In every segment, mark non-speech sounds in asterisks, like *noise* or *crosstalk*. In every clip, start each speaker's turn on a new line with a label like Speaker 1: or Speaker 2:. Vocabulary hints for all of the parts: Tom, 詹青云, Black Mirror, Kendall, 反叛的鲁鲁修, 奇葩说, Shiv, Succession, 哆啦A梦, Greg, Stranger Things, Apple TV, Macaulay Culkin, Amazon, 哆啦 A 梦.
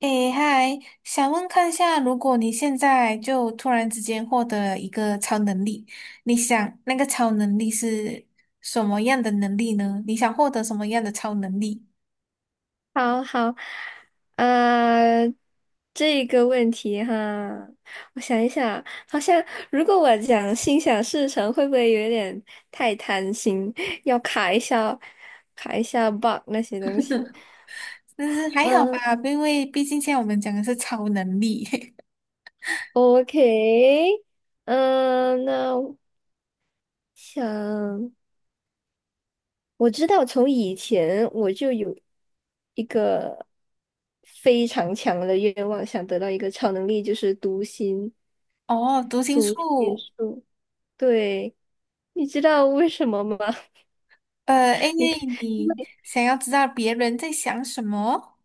Speaker 1: 诶，嗨，想问看一下，如果你现在就突然之间获得一个超能力，你想那个超能力是什么样的能力呢？你想获得什么样的超能力？
Speaker 2: 好好，呃，这个问题哈，我想一想，好像如果我讲心想事成，会不会有点太贪心？要卡一下 bug 那些东西。
Speaker 1: 但是还好
Speaker 2: 嗯
Speaker 1: 吧，因为毕竟现在我们讲的是超能力。*laughs*
Speaker 2: ，OK，那我想我知道从以前我就有一个非常强的愿望，想得到一个超能力，就是读心
Speaker 1: 哦，读心
Speaker 2: 读心
Speaker 1: 术，
Speaker 2: 术。对，你知道为什么吗？
Speaker 1: 因
Speaker 2: *laughs* 你看，
Speaker 1: 为
Speaker 2: 因
Speaker 1: 你想要知道别人在想什么。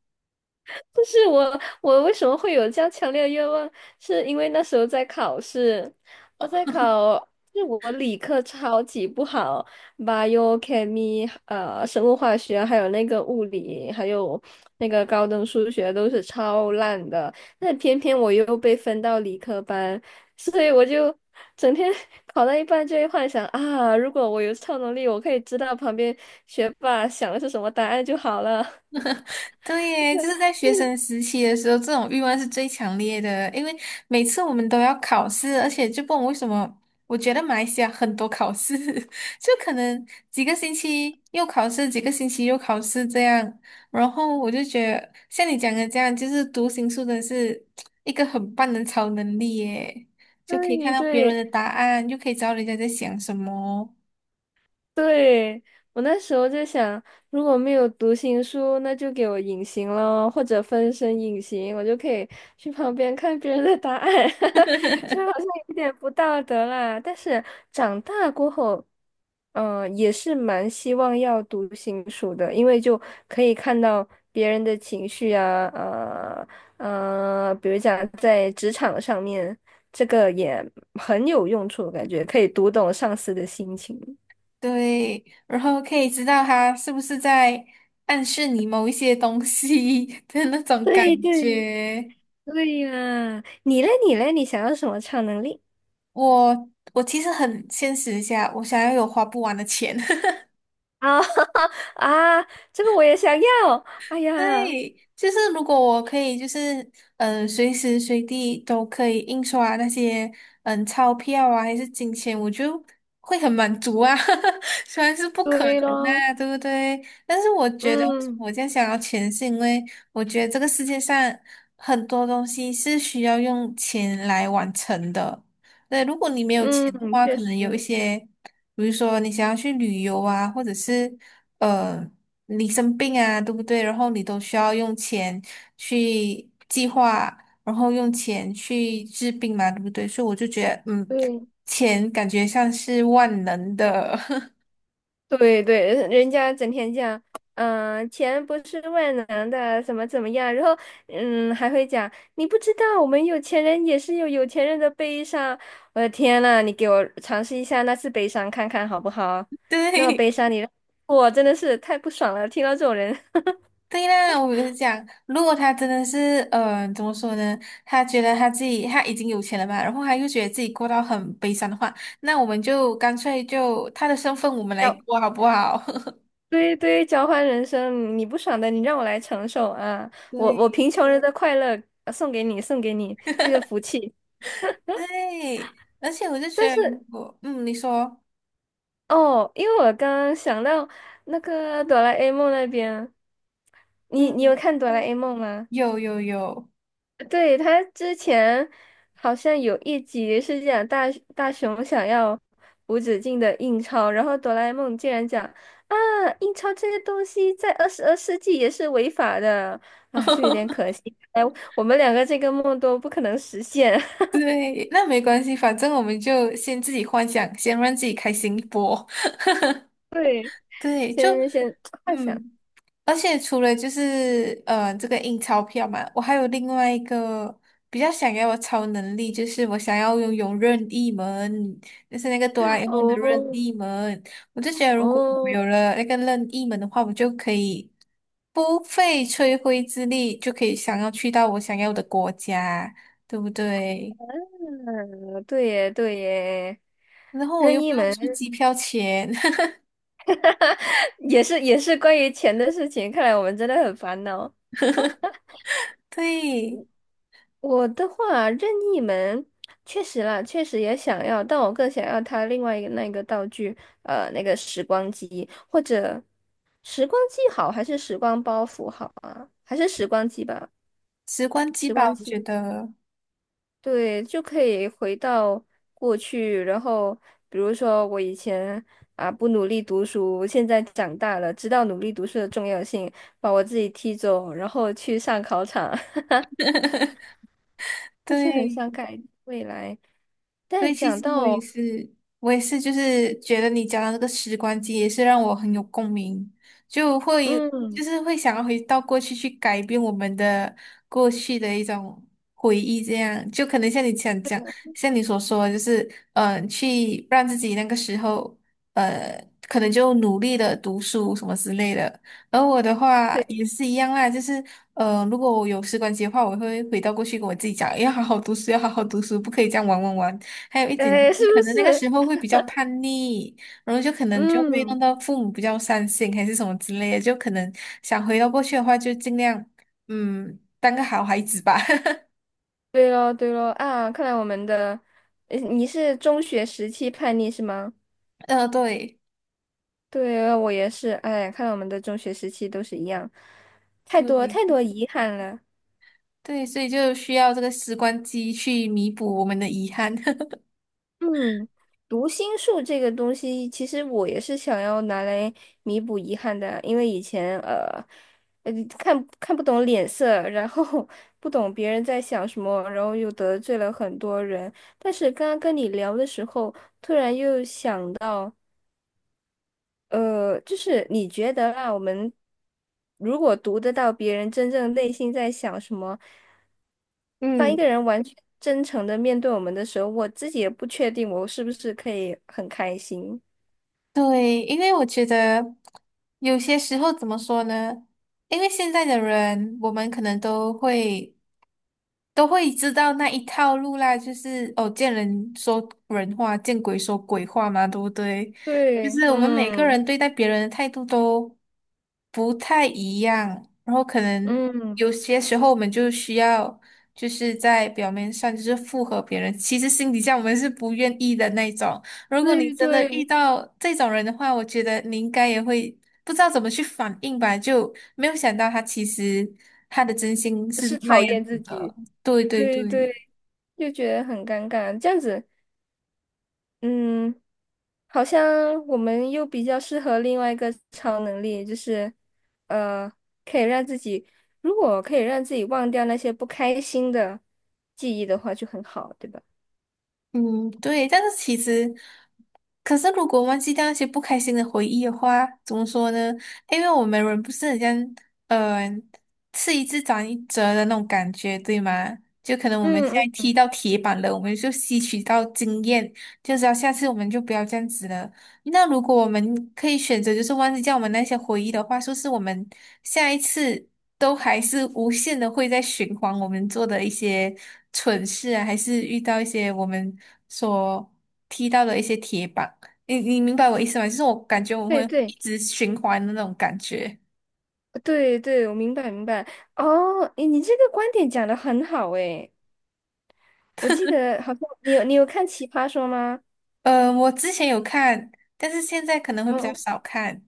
Speaker 2: 不是我，我为什么会有这样强烈的愿望？是因为那时候在考试，我在考，就是我理科超级不好，bio、chemistry 生物化学，还有那个物理，还有那个高等数学都是超烂的。那偏偏我又被分到理科班，所以我就整天 *laughs* 考到一半就会幻想啊，如果我有超能力，我可以知道旁边学霸想的是什么答案就好了。*laughs*
Speaker 1: 对耶，就是在学生时期的时候，这种欲望是最强烈的，因为每次我们都要考试，而且就不懂为什么，我觉得马来西亚很多考试，*laughs* 就可能几个星期又考试，几个星期又考试这样，然后我就觉得像你讲的这样，就是读心术真的是一个很棒的超能力耶，就可以看
Speaker 2: 对
Speaker 1: 到别人
Speaker 2: 对，
Speaker 1: 的答案，又可以知道人家在想什么。
Speaker 2: 对，我那时候就想，如果没有读心术，那就给我隐形了，或者分身隐形，我就可以去旁边看别人的答案。*laughs*
Speaker 1: *laughs*
Speaker 2: 虽然好像有点不道德啦，但是长大过后，也是蛮希望要读心术的，因为就可以看到别人的情绪啊，比如讲在职场上面，这个也很有用处，感觉可以读懂上司的心情。
Speaker 1: 对，然后可以知道他是不是在暗示你某一些东西 *laughs* 的那种感
Speaker 2: 对 *laughs* 对
Speaker 1: 觉。
Speaker 2: 对呀，你嘞你嘞，你想要什么超能力？
Speaker 1: 我我其实很现实一下，我想要有花不完的钱。*laughs*
Speaker 2: 啊 *laughs* 啊，这个我也想要。哎
Speaker 1: 对，
Speaker 2: 呀，
Speaker 1: 就是如果我可以，就是嗯，随时随地都可以印刷那些钞票啊，还是金钱，我就会很满足啊。*laughs* 虽然是不可能
Speaker 2: 对
Speaker 1: 的
Speaker 2: 咯，
Speaker 1: 啊，对不对？但是我觉得
Speaker 2: 嗯
Speaker 1: 我这样想要钱，是因为我觉得这个世界上很多东西是需要用钱来完成的。对，如果你没有
Speaker 2: 嗯，
Speaker 1: 钱的话，
Speaker 2: 确
Speaker 1: 可能有一
Speaker 2: 实，
Speaker 1: 些。比如说你想要去旅游啊，或者是呃你生病啊，对不对？然后你都需要用钱去计划，然后用钱去治病嘛，对不对？所以我就觉得，嗯，
Speaker 2: 对。
Speaker 1: 钱感觉像是万能的。*laughs*
Speaker 2: 对对，人家整天讲，钱不是万能的，怎么怎么样，然后，还会讲，你不知道，我们有钱人也是有有钱人的悲伤。我的天呐，你给我尝试一下那次悲伤看看好不好？那么
Speaker 1: 对。
Speaker 2: 悲伤你让我真的是太不爽了，听到这种人。
Speaker 1: 对啦，我就讲，如果他真的是，怎么说呢？他觉得他自己他已经有钱了嘛，然后他又觉得自己过到很悲伤的话，那我们就干脆就他的身份我们来
Speaker 2: 交，
Speaker 1: 过好不好？
Speaker 2: 对对，交换人生，你不爽的，你让我来承受啊！
Speaker 1: *laughs*
Speaker 2: 我
Speaker 1: 对。
Speaker 2: 贫穷人的快乐送给你，送给你这个福气。
Speaker 1: 对，而且我就觉
Speaker 2: 但
Speaker 1: 得，如
Speaker 2: 是。
Speaker 1: 果嗯，你说
Speaker 2: 哦，因为我刚刚想到那个哆啦 A 梦那边，你有
Speaker 1: 嗯，
Speaker 2: 看哆啦 A 梦吗？
Speaker 1: 有有有，
Speaker 2: 对，他之前好像有一集是讲大雄想要无止境的印钞，然后哆啦 A 梦竟然讲啊，印钞这个东西在22世纪也是违法的，
Speaker 1: *laughs*
Speaker 2: 哎，我们两个这个梦都不可能实现。*laughs*
Speaker 1: 对，那没关系，反正我们就先自己幻想，先让自己开心一波。
Speaker 2: 对，
Speaker 1: 对，就
Speaker 2: 先幻想。
Speaker 1: 嗯，而且除了就是这个印钞票嘛，我还有另外一个比较想要的超能力，就是我想要拥有任意门，就是那个哆啦 A 梦的任意
Speaker 2: 哦
Speaker 1: 门。我就觉得如果我
Speaker 2: 哦。
Speaker 1: 有了那个任意门的话，我就可以不费吹灰之力就可以想要去到我想要的国家，对不对？
Speaker 2: 嗯，对耶，对耶，
Speaker 1: 然后我
Speaker 2: 任
Speaker 1: 又
Speaker 2: 意
Speaker 1: 不用
Speaker 2: 门
Speaker 1: 出机票钱。
Speaker 2: 也是关于钱的事情，看来我们真的很烦恼。
Speaker 1: *laughs* 对，
Speaker 2: 我的话，任意门确实啦，确实也想要，但我更想要它另外一个那个道具，那个时光机好，还是时光包袱好啊？还是时光机吧，
Speaker 1: 时光机
Speaker 2: 时光
Speaker 1: 吧，我觉
Speaker 2: 机。
Speaker 1: 得。
Speaker 2: 对，就可以回到过去，然后比如说我以前啊不努力读书，现在长大了，知道努力读书的重要性，把我自己踢走，然后去上考场，
Speaker 1: *laughs*
Speaker 2: *laughs* 就是很
Speaker 1: 对，
Speaker 2: 想改未来。
Speaker 1: 所
Speaker 2: 但
Speaker 1: 以其
Speaker 2: 讲
Speaker 1: 实我也
Speaker 2: 到，
Speaker 1: 是，我也是，就是觉得你讲的那个时光机也是让我很有共鸣，就会就
Speaker 2: 嗯，
Speaker 1: 是会想要回到过去去改变我们的过去的一种回忆，这样就可能像你想讲，像你所说的就是嗯，去让自己那个时候呃，可能就努力的读书什么之类的。而我的话
Speaker 2: 对，
Speaker 1: 也是一样啦，就是如果我有时光机的话，我会回到过去跟我自己讲，要好好读书，要好好读书，不可以这样玩玩玩。还有一点就
Speaker 2: 哎，是
Speaker 1: 是
Speaker 2: 不
Speaker 1: 可能那个
Speaker 2: 是？
Speaker 1: 时候会比较叛逆，然后就可能就会弄
Speaker 2: 嗯，
Speaker 1: 到父母比较伤心还是什么之类的，就可能想回到过去的话，就尽量嗯当个好孩子吧。*laughs*
Speaker 2: 对咯，对咯，啊，看来我们的，你是中学时期叛逆是吗？
Speaker 1: 对
Speaker 2: 对，我也是，哎，看来我们的中学时期都是一样，太多太
Speaker 1: 对
Speaker 2: 多遗憾了。
Speaker 1: 对，所以就需要这个时光机去弥补我们的遗憾。*laughs*
Speaker 2: 嗯，读心术这个东西，其实我也是想要拿来弥补遗憾的，因为以前呃看不懂脸色，然后 *laughs* 不懂别人在想什么，然后又得罪了很多人。但是刚刚跟你聊的时候，突然又想到。就是你觉得啊，我们如果读得到别人真正内心在想什么，当一
Speaker 1: 嗯
Speaker 2: 个人完全真诚的面对我们的时候，我自己也不确定我是不是可以很开心。
Speaker 1: 对，因为我觉得有些时候怎么说呢？因为现在的人，我们可能都会。都会知道那一套路啦，就是哦，见人说人话，见鬼说鬼话嘛，对不对？就
Speaker 2: 对，
Speaker 1: 是我们每个
Speaker 2: 嗯
Speaker 1: 人对待别人的态度都不太一样，然后可能
Speaker 2: 嗯，
Speaker 1: 有些时候我们就需要就是在表面上就是附和别人，其实心底下我们是不愿意的那种。如果你
Speaker 2: 对
Speaker 1: 真的遇
Speaker 2: 对，
Speaker 1: 到这种人的话，我觉得你应该也会不知道怎么去反应吧，就没有想到他其实他的真心是
Speaker 2: 是
Speaker 1: 那
Speaker 2: 讨
Speaker 1: 样
Speaker 2: 厌
Speaker 1: 子
Speaker 2: 自
Speaker 1: 的。
Speaker 2: 己，
Speaker 1: 对对
Speaker 2: 对对，
Speaker 1: 对，
Speaker 2: 就觉得很尴尬，这样子，嗯。好像我们又比较适合另外一个超能力，就是呃，可以让自己，如果可以让自己忘掉那些不开心的记忆的话，就很好，对吧？
Speaker 1: 嗯，对，但是其实，可是如果忘记掉那些不开心的回忆的话，怎么说呢？因为我们人不是很像，呃，吃一堑长一智的那种感觉，对吗？就可能我们现
Speaker 2: 嗯
Speaker 1: 在
Speaker 2: 嗯，
Speaker 1: 踢到铁板了，我们就吸取到经验，就知道下次我们就不要这样子了。那如果我们可以选择，就是忘记掉我们那些回忆的话，说是我们下一次都还是无限的会在循环我们做的一些蠢事啊，还是遇到一些我们所踢到的一些铁板？你明白我意思吗？就是我感觉我们会
Speaker 2: 对
Speaker 1: 一
Speaker 2: 对
Speaker 1: 直循环的那种感觉。
Speaker 2: 对对，我明白明白。哦，你这个观点讲的很好诶，我记得好像你有看《奇葩说》吗？
Speaker 1: 我之前有看，但是现在可能会比较
Speaker 2: 嗯。
Speaker 1: 少看。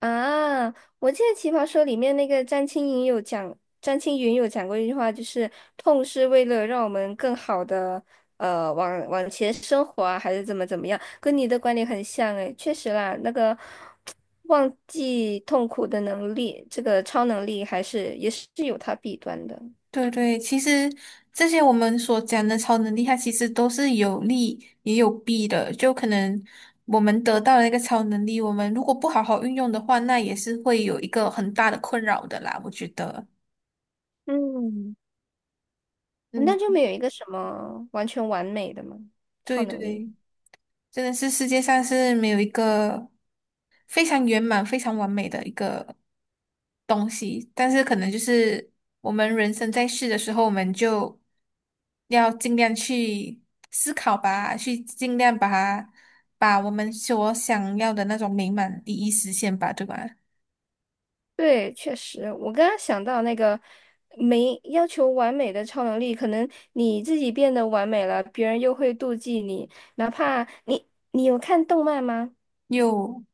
Speaker 2: 啊，我记得《奇葩说》里面那个詹青云有讲，过一句话，就是痛是为了让我们更好的往前生活啊，还是怎么怎么样，跟你的观点很像诶，确实啦，那个忘记痛苦的能力，这个超能力还是也是有它弊端的。
Speaker 1: 对对，其实这些我们所讲的超能力，它其实都是有利也有弊的。就可能我们得到了一个超能力，我们如果不好好运用的话，那也是会有一个很大的困扰的啦。我觉得，
Speaker 2: 嗯，
Speaker 1: 嗯，
Speaker 2: 那就没有一个什么完全完美的嘛，超
Speaker 1: 对
Speaker 2: 能力。
Speaker 1: 对。真的是世界上是没有一个非常圆满、非常完美的一个东西，但是可能就是我们人生在世的时候，我们就要尽量去思考吧，去尽量把它把我们所想要的那种美满第一实现吧，对吧？
Speaker 2: 对，确实，我刚刚想到那个没要求完美的超能力，可能你自己变得完美了，别人又会妒忌你。哪怕你，你有看动漫吗？
Speaker 1: 又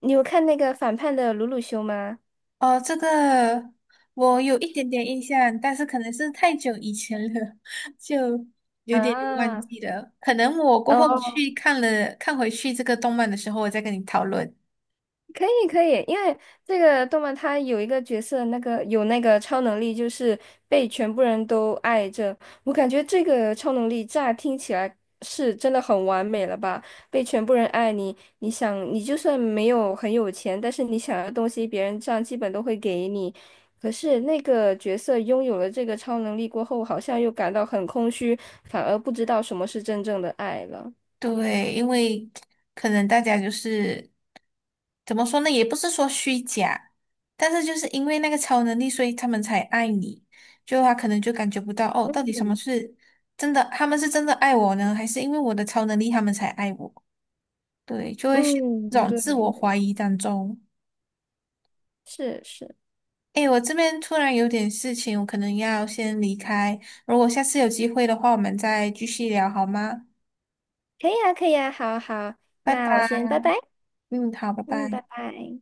Speaker 2: 你有看那个反叛的鲁鲁修吗？
Speaker 1: 哦，这个我有一点点印象，但是可能是太久以前了，*laughs* 就有点忘
Speaker 2: 啊，
Speaker 1: 记了。可能我过后
Speaker 2: 哦，
Speaker 1: 去看了，看回去这个动漫的时候，我再跟你讨论。
Speaker 2: 可以可以，因为这个动漫它有一个角色，那个有那个超能力，就是被全部人都爱着。我感觉这个超能力乍听起来是真的很完美了吧？被全部人爱你，你想你就算没有很有钱，但是你想要的东西，别人这样基本都会给你。可是那个角色拥有了这个超能力过后，好像又感到很空虚，反而不知道什么是真正的爱了。
Speaker 1: 对，因为可能大家就是怎么说呢，也不是说虚假，但是就是因为那个超能力，所以他们才爱你。就他可能就感觉不到哦，到底什么
Speaker 2: 嗯
Speaker 1: 是真的，他们是真的爱我呢，还是因为我的超能力他们才爱我？对，就会陷入这
Speaker 2: 嗯，
Speaker 1: 种
Speaker 2: 对
Speaker 1: 自我
Speaker 2: 对，
Speaker 1: 怀疑当中。
Speaker 2: 是是。
Speaker 1: 诶，我这边突然有点事情，我可能要先离开。如果下次有机会的话，我们再继续聊好吗？
Speaker 2: 可以啊，可以啊，好好，
Speaker 1: 拜
Speaker 2: 那我先
Speaker 1: 拜。
Speaker 2: 拜拜，
Speaker 1: 嗯，好，拜
Speaker 2: 嗯，
Speaker 1: 拜。
Speaker 2: 拜拜。